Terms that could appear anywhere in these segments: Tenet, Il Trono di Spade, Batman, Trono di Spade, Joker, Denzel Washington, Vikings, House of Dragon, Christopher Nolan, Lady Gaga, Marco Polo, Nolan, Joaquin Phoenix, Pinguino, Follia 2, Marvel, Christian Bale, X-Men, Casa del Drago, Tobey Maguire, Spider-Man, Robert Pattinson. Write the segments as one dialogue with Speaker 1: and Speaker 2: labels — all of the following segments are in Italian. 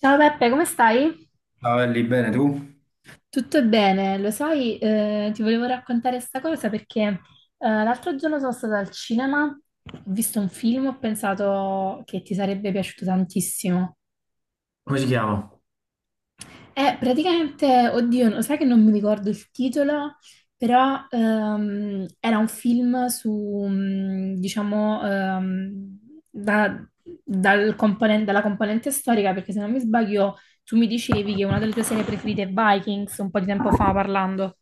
Speaker 1: Ciao Peppe, come stai?
Speaker 2: Ciao, Ellie, bene tu?
Speaker 1: Tutto bene, lo sai, ti volevo raccontare questa cosa perché l'altro giorno sono stata al cinema, ho visto un film, ho pensato che ti sarebbe piaciuto tantissimo.
Speaker 2: Come si chiama?
Speaker 1: Praticamente, oddio, lo sai che non mi ricordo il titolo, però era un film su, diciamo, da- dalla componente storica, perché se non mi sbaglio tu mi dicevi che una delle tue serie preferite è Vikings, un po' di tempo fa parlando.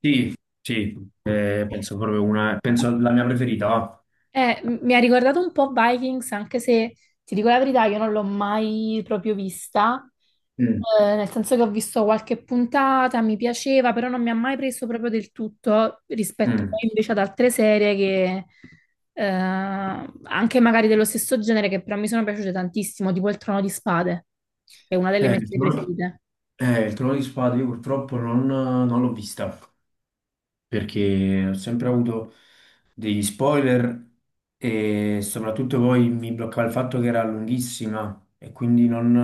Speaker 2: Sì, sì, penso proprio una, penso la mia preferita, va.
Speaker 1: Mi ha ricordato un po' Vikings, anche se ti dico la verità, io non l'ho mai proprio vista.
Speaker 2: Mm.
Speaker 1: Nel senso che ho visto qualche puntata, mi piaceva, però non mi ha mai preso proprio del tutto rispetto
Speaker 2: Mm.
Speaker 1: poi invece ad altre serie che, eh, anche magari dello stesso genere, che però mi sono piaciute tantissimo, tipo Il Trono di Spade, che è una delle
Speaker 2: Eh,
Speaker 1: mie
Speaker 2: il
Speaker 1: serie
Speaker 2: trono,
Speaker 1: preferite.
Speaker 2: il Trono di Spade io purtroppo non l'ho vista, perché ho sempre avuto degli spoiler e soprattutto poi mi bloccava il fatto che era lunghissima e quindi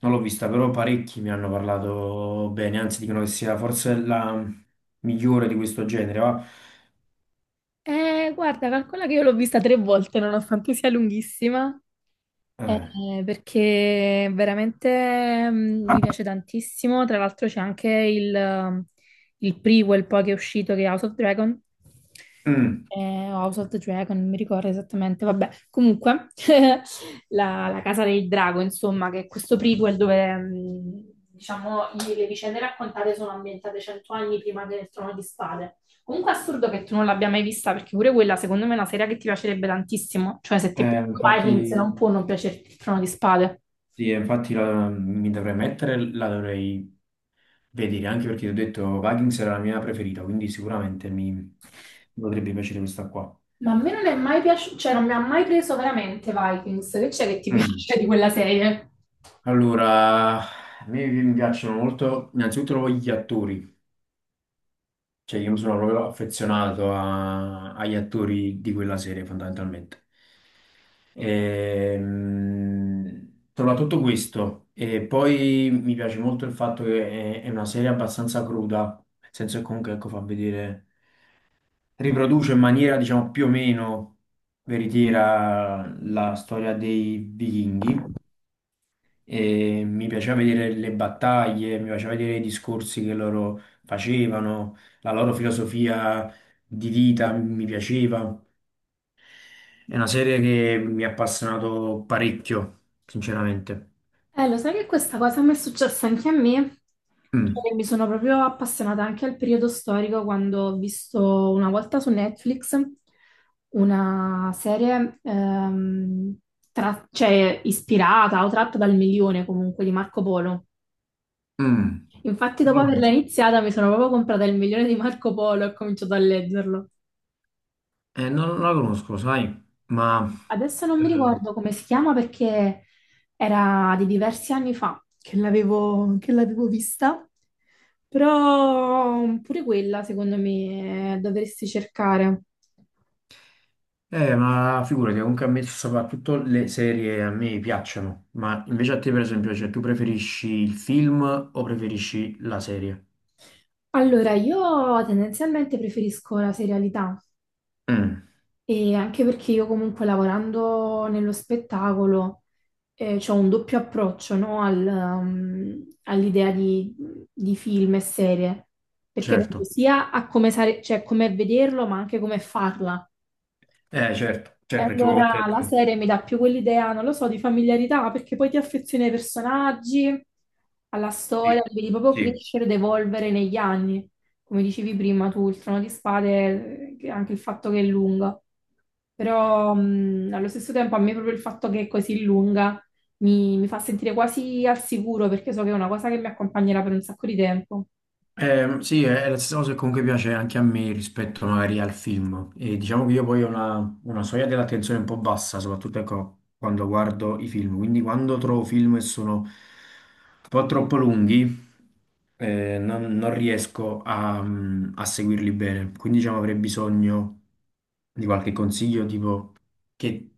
Speaker 2: non l'ho vista, però parecchi mi hanno parlato bene, anzi dicono che sia forse la migliore di questo genere, va.
Speaker 1: Guarda, calcola che io l'ho vista tre volte, nonostante sia lunghissima.
Speaker 2: Eh.
Speaker 1: Perché veramente mi piace tantissimo. Tra l'altro c'è anche il prequel poi che è uscito che è House of Dragon.
Speaker 2: Mm.
Speaker 1: Eh, o House of the Dragon, non mi ricordo esattamente. Vabbè, comunque, la Casa del Drago, insomma, che è questo prequel dove, diciamo, le vicende raccontate sono ambientate 100 anni prima del Trono di Spade. Comunque è assurdo che tu non l'abbia mai vista, perché pure quella secondo me è una serie che ti piacerebbe tantissimo. Cioè, se ti piace Vikings
Speaker 2: Infatti,
Speaker 1: non può non piacerti il Trono di Spade.
Speaker 2: sì, mi dovrei mettere, la dovrei vedere anche perché ti ho detto Vikings era la mia preferita, quindi sicuramente mi potrebbe piacere questa qua.
Speaker 1: Ma a me non è mai piaciuto, cioè non mi ha mai preso veramente Vikings. Che c'è che ti
Speaker 2: Mm.
Speaker 1: piace di quella serie?
Speaker 2: Allora, a me mi piacciono molto innanzitutto gli attori. Cioè, io mi sono proprio affezionato agli attori di quella serie, fondamentalmente. Soprattutto questo. E poi mi piace molto il fatto che è una serie abbastanza cruda, nel senso che comunque ecco, fa vedere, riproduce in maniera diciamo più o meno veritiera la storia dei vichinghi e mi piaceva vedere le battaglie, mi piaceva vedere i discorsi che loro facevano, la loro filosofia di vita mi piaceva. È una serie che mi ha appassionato parecchio, sinceramente.
Speaker 1: Lo sai che questa cosa mi è successa anche a me?
Speaker 2: Mm, mm,
Speaker 1: Cioè, mi sono proprio appassionata anche al periodo storico quando ho visto una volta su Netflix una serie cioè, ispirata o tratta dal milione comunque di Marco Polo. Infatti,
Speaker 2: non
Speaker 1: dopo
Speaker 2: la
Speaker 1: averla
Speaker 2: conosco.
Speaker 1: iniziata, mi sono proprio comprata il milione di Marco Polo e ho cominciato a leggerlo.
Speaker 2: Non la conosco, sai,
Speaker 1: Eh, Adesso non
Speaker 2: eh,
Speaker 1: mi ricordo come si chiama perché era di diversi anni fa che l'avevo vista, però pure quella, secondo me, dovresti cercare.
Speaker 2: ma figurati, comunque a me soprattutto le serie a me piacciono, ma invece a te per esempio, cioè, tu preferisci il film o preferisci la serie?
Speaker 1: Allora, io tendenzialmente preferisco la serialità.
Speaker 2: Mm,
Speaker 1: E anche perché io comunque lavorando nello spettacolo ho un doppio approccio, no, all'idea di film e serie, perché penso
Speaker 2: certo.
Speaker 1: sia a come, cioè, come vederlo, ma anche come farla.
Speaker 2: Certo,
Speaker 1: E
Speaker 2: certo, perché
Speaker 1: allora
Speaker 2: comunque
Speaker 1: la
Speaker 2: ecco,
Speaker 1: serie mi dà più quell'idea, non lo so, di familiarità, perché poi ti affezioni ai personaggi, alla storia,
Speaker 2: sì,
Speaker 1: li vedi proprio
Speaker 2: sì.
Speaker 1: crescere ed evolvere negli anni. Come dicevi prima tu, il Trono di Spade, anche il fatto che è lunga. Però allo stesso tempo a me proprio il fatto che è così lunga mi fa sentire quasi al sicuro, perché so che è una cosa che mi accompagnerà per un sacco di tempo.
Speaker 2: Sì, è la stessa cosa che comunque piace anche a me rispetto magari al film. E diciamo che io poi ho una soglia dell'attenzione un po' bassa, soprattutto ecco, quando guardo i film. Quindi quando trovo film che sono un po' troppo lunghi, non riesco a, a seguirli bene. Quindi diciamo avrei bisogno di qualche consiglio, tipo che,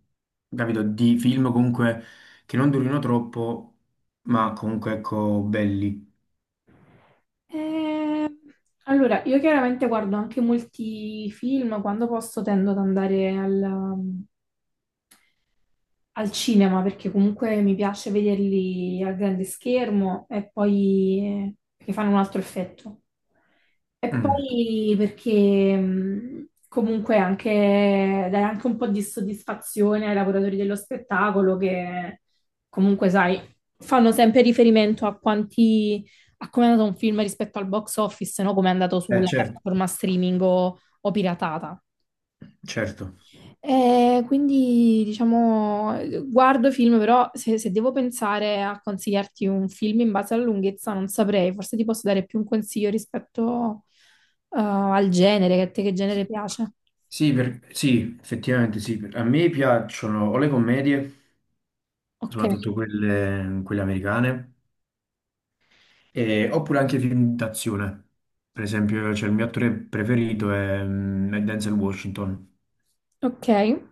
Speaker 2: capito, di film comunque che non durino troppo, ma comunque ecco belli.
Speaker 1: Eh, allora, io chiaramente guardo anche molti film, quando posso tendo ad andare al cinema perché comunque mi piace vederli al grande schermo e poi perché fanno un altro effetto. E
Speaker 2: Mm.
Speaker 1: poi perché comunque anche dai anche un po' di soddisfazione ai lavoratori dello spettacolo che comunque, sai, fanno sempre riferimento a come è andato un film rispetto al box office, no? Come è andato sulla
Speaker 2: Certo.
Speaker 1: piattaforma streaming o piratata.
Speaker 2: Certo.
Speaker 1: Quindi diciamo, guardo film, però se devo pensare a consigliarti un film in base alla lunghezza, non saprei, forse ti posso dare più un consiglio rispetto al genere, che a te che genere piace.
Speaker 2: Sì, effettivamente sì. A me piacciono o le commedie,
Speaker 1: Ok,
Speaker 2: soprattutto quelle americane, oppure anche i film d'azione. Per esempio, c'è il mio attore preferito è, è Denzel Washington.
Speaker 1: ok.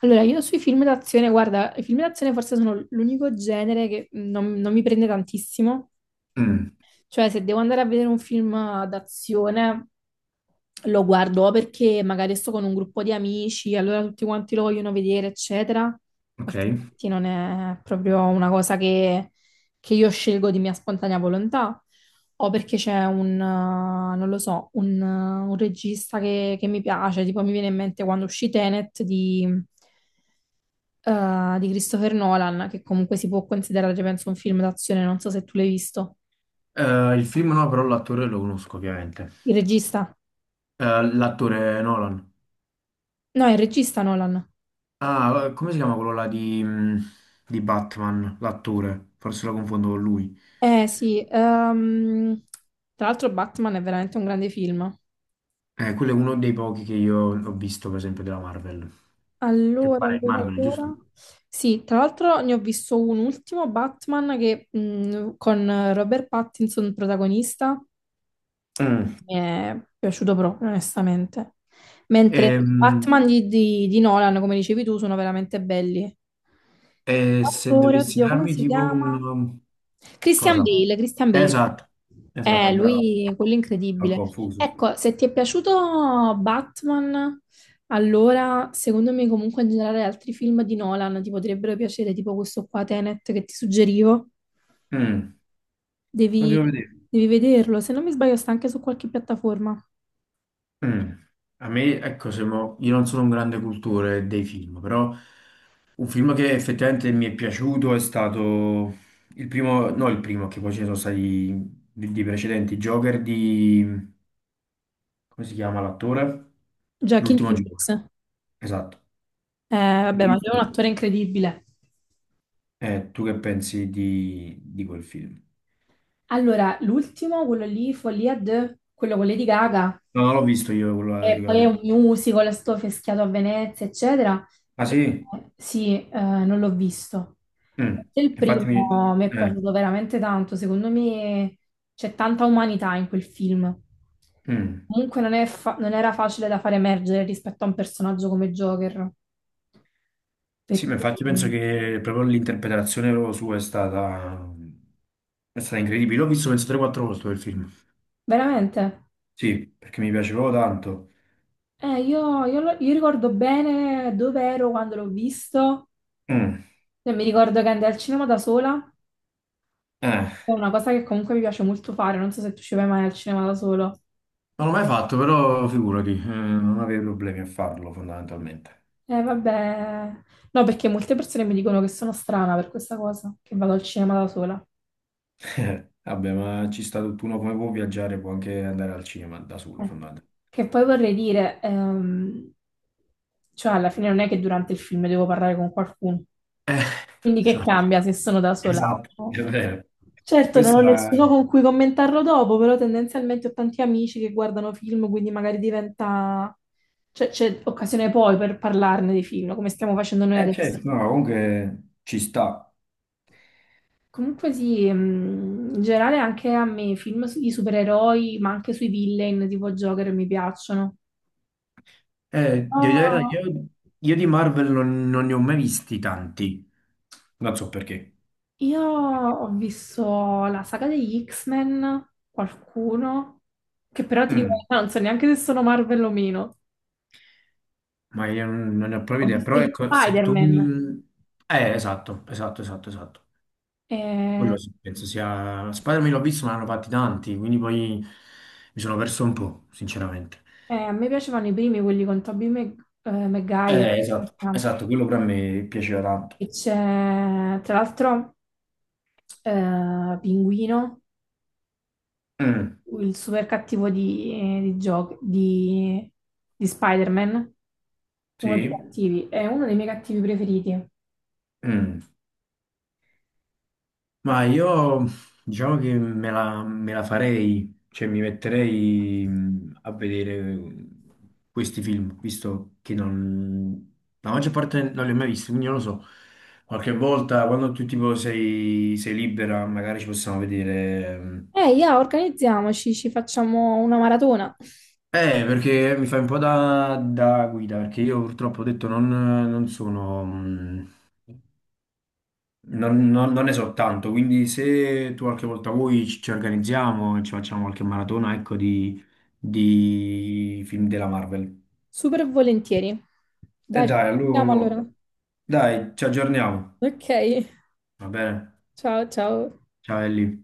Speaker 1: Allora, io sui film d'azione, guarda, i film d'azione forse sono l'unico genere che non mi prende tantissimo.
Speaker 2: Mm,
Speaker 1: Cioè, se devo andare a vedere un film d'azione, lo guardo perché magari sto con un gruppo di amici, allora tutti quanti lo vogliono vedere, eccetera.
Speaker 2: ok.
Speaker 1: Altrimenti non è proprio una cosa che, io scelgo di mia spontanea volontà. O perché c'è non lo so, un regista che mi piace, tipo mi viene in mente quando uscì Tenet di Christopher Nolan, che comunque si può considerare, penso, un film d'azione, non so se tu l'hai visto.
Speaker 2: Il film no, però l'attore lo conosco ovviamente.
Speaker 1: Il regista?
Speaker 2: L'attore Nolan.
Speaker 1: No, è il regista Nolan.
Speaker 2: Ah, come si chiama quello là di, di Batman? L'attore. Forse lo confondo con lui.
Speaker 1: Eh sì, tra l'altro Batman è veramente un grande film.
Speaker 2: Quello è uno dei pochi che io ho visto, per esempio, della Marvel. Che
Speaker 1: Allora,
Speaker 2: pare è
Speaker 1: allora,
Speaker 2: Marvel, giusto?
Speaker 1: allora. Sì, tra l'altro ne ho visto un ultimo Batman che, con Robert Pattinson protagonista.
Speaker 2: Mm.
Speaker 1: Mi è piaciuto proprio, onestamente. Mentre i
Speaker 2: Ehm,
Speaker 1: Batman di Nolan, come dicevi tu, sono veramente belli.
Speaker 2: e, se
Speaker 1: Attore,
Speaker 2: dovessi
Speaker 1: oddio, come
Speaker 2: darmi
Speaker 1: si
Speaker 2: tipo
Speaker 1: chiama?
Speaker 2: un...
Speaker 1: Christian
Speaker 2: cosa?
Speaker 1: Bale, Christian Bale.
Speaker 2: Esatto,
Speaker 1: Eh,
Speaker 2: esatto, bravo,
Speaker 1: lui, quello
Speaker 2: ho
Speaker 1: incredibile.
Speaker 2: confuso.
Speaker 1: Ecco, se ti è piaciuto Batman, allora secondo me comunque in generale altri film di Nolan ti potrebbero piacere, tipo questo qua Tenet che ti suggerivo.
Speaker 2: Mm. Lo
Speaker 1: Devi,
Speaker 2: devo vedere.
Speaker 1: devi vederlo, se non mi sbaglio sta anche su qualche piattaforma.
Speaker 2: Mm. A me, ecco, se mo- io non sono un grande cultore dei film, però un film che effettivamente mi è piaciuto è stato no il primo, che poi ce ne sono stati di precedenti, Joker di... come si chiama l'attore?
Speaker 1: Joaquin
Speaker 2: L'ultimo
Speaker 1: Phoenix.
Speaker 2: Joker,
Speaker 1: Eh,
Speaker 2: esatto.
Speaker 1: vabbè, ma lui è un attore incredibile.
Speaker 2: Tu che pensi di quel film?
Speaker 1: Allora, l'ultimo, quello lì, Follia 2, quello con Lady Gaga,
Speaker 2: No, non l'ho visto io, quello di
Speaker 1: e poi è un
Speaker 2: verità.
Speaker 1: musical, sto fischiato a Venezia, eccetera.
Speaker 2: Ah
Speaker 1: Eh,
Speaker 2: sì?
Speaker 1: Sì, non l'ho visto.
Speaker 2: Mm.
Speaker 1: Il
Speaker 2: Infatti mi...
Speaker 1: primo mi è
Speaker 2: eh,
Speaker 1: piaciuto veramente tanto, secondo me c'è tanta umanità in quel film.
Speaker 2: mm.
Speaker 1: Comunque non è fa- non era facile da far emergere rispetto a un personaggio come Joker,
Speaker 2: Sì, ma
Speaker 1: perché
Speaker 2: infatti penso che proprio l'interpretazione proprio sua è stata incredibile. L'ho visto penso 3-4 volte quel film.
Speaker 1: veramente.
Speaker 2: Sì, perché mi piace proprio tanto.
Speaker 1: Io ricordo bene dove ero quando l'ho visto,
Speaker 2: Mm.
Speaker 1: e mi ricordo che andai al cinema da sola.
Speaker 2: Eh,
Speaker 1: È una cosa che comunque mi piace molto fare, non so se tu ci vai mai al cinema da solo.
Speaker 2: non l'ho mai fatto, però figurati, non avevo problemi a farlo fondamentalmente.
Speaker 1: Vabbè, no, perché molte persone mi dicono che sono strana per questa cosa, che vado al cinema da sola.
Speaker 2: Vabbè, ma ci sta tutto uno come può viaggiare, può anche andare al cinema da solo
Speaker 1: Eh.
Speaker 2: fondamentalmente.
Speaker 1: Che poi vorrei dire, cioè alla fine non è che durante il film devo parlare con qualcuno,
Speaker 2: Eh,
Speaker 1: quindi che
Speaker 2: esatto.
Speaker 1: cambia se sono da sola
Speaker 2: Esatto,
Speaker 1: o no?
Speaker 2: è vero.
Speaker 1: Certo, non
Speaker 2: Questa
Speaker 1: ho nessuno
Speaker 2: era...
Speaker 1: con cui commentarlo dopo, però tendenzialmente ho tanti amici che guardano film, quindi magari diventa. C'è occasione poi per parlarne dei film, come stiamo facendo noi
Speaker 2: Eh
Speaker 1: adesso.
Speaker 2: certo, no, comunque ci sta.
Speaker 1: Comunque sì, in generale anche a me i film sui supereroi, ma anche sui villain tipo Joker mi piacciono.
Speaker 2: Devo dire la verità,
Speaker 1: Oh,
Speaker 2: io di Marvel non ne ho mai visti tanti. Non so perché.
Speaker 1: io ho visto la saga degli X-Men, qualcuno, che però ti dico, la
Speaker 2: Mm,
Speaker 1: verità, non so neanche se sono Marvel o meno.
Speaker 2: ma io non ne ho proprio
Speaker 1: Ho
Speaker 2: idea,
Speaker 1: visto
Speaker 2: però
Speaker 1: gli
Speaker 2: ecco, se tu mi...
Speaker 1: Spider-Man.
Speaker 2: Esatto, esatto, esatto, esatto.
Speaker 1: Eh,
Speaker 2: Quello sì, penso sia... Spider-Man l'ho visto, ma ne hanno fatti tanti, quindi poi mi sono perso un po', sinceramente.
Speaker 1: A me piacevano i primi, quelli con Tobey Maguire,
Speaker 2: Esatto, esatto, quello per me piaceva tanto.
Speaker 1: e c'è tra l'altro Pinguino,
Speaker 2: Mm,
Speaker 1: il super cattivo di Spider-Man, uno dei
Speaker 2: sì,
Speaker 1: cattivi, è uno dei miei cattivi preferiti.
Speaker 2: mm. Ma io diciamo che me la farei, cioè mi metterei a vedere mm, questi film, visto che non, la maggior parte non li ho mai visti, quindi non lo so. Qualche volta quando tu tipo sei, sei libera, magari ci possiamo vedere. Mh.
Speaker 1: Yeah, organizziamoci, ci facciamo una maratona.
Speaker 2: Perché mi fai un po' da, da guida, perché io purtroppo ho detto non, non sono, non ne so tanto, quindi se tu qualche volta vuoi ci organizziamo e ci facciamo qualche maratona, ecco, di film della Marvel.
Speaker 1: Super volentieri.
Speaker 2: E
Speaker 1: Dai, ci
Speaker 2: dai,
Speaker 1: sentiamo
Speaker 2: allora,
Speaker 1: allora.
Speaker 2: dai, ci aggiorniamo,
Speaker 1: Ok,
Speaker 2: va bene?
Speaker 1: ciao ciao.
Speaker 2: Ciao Ellie.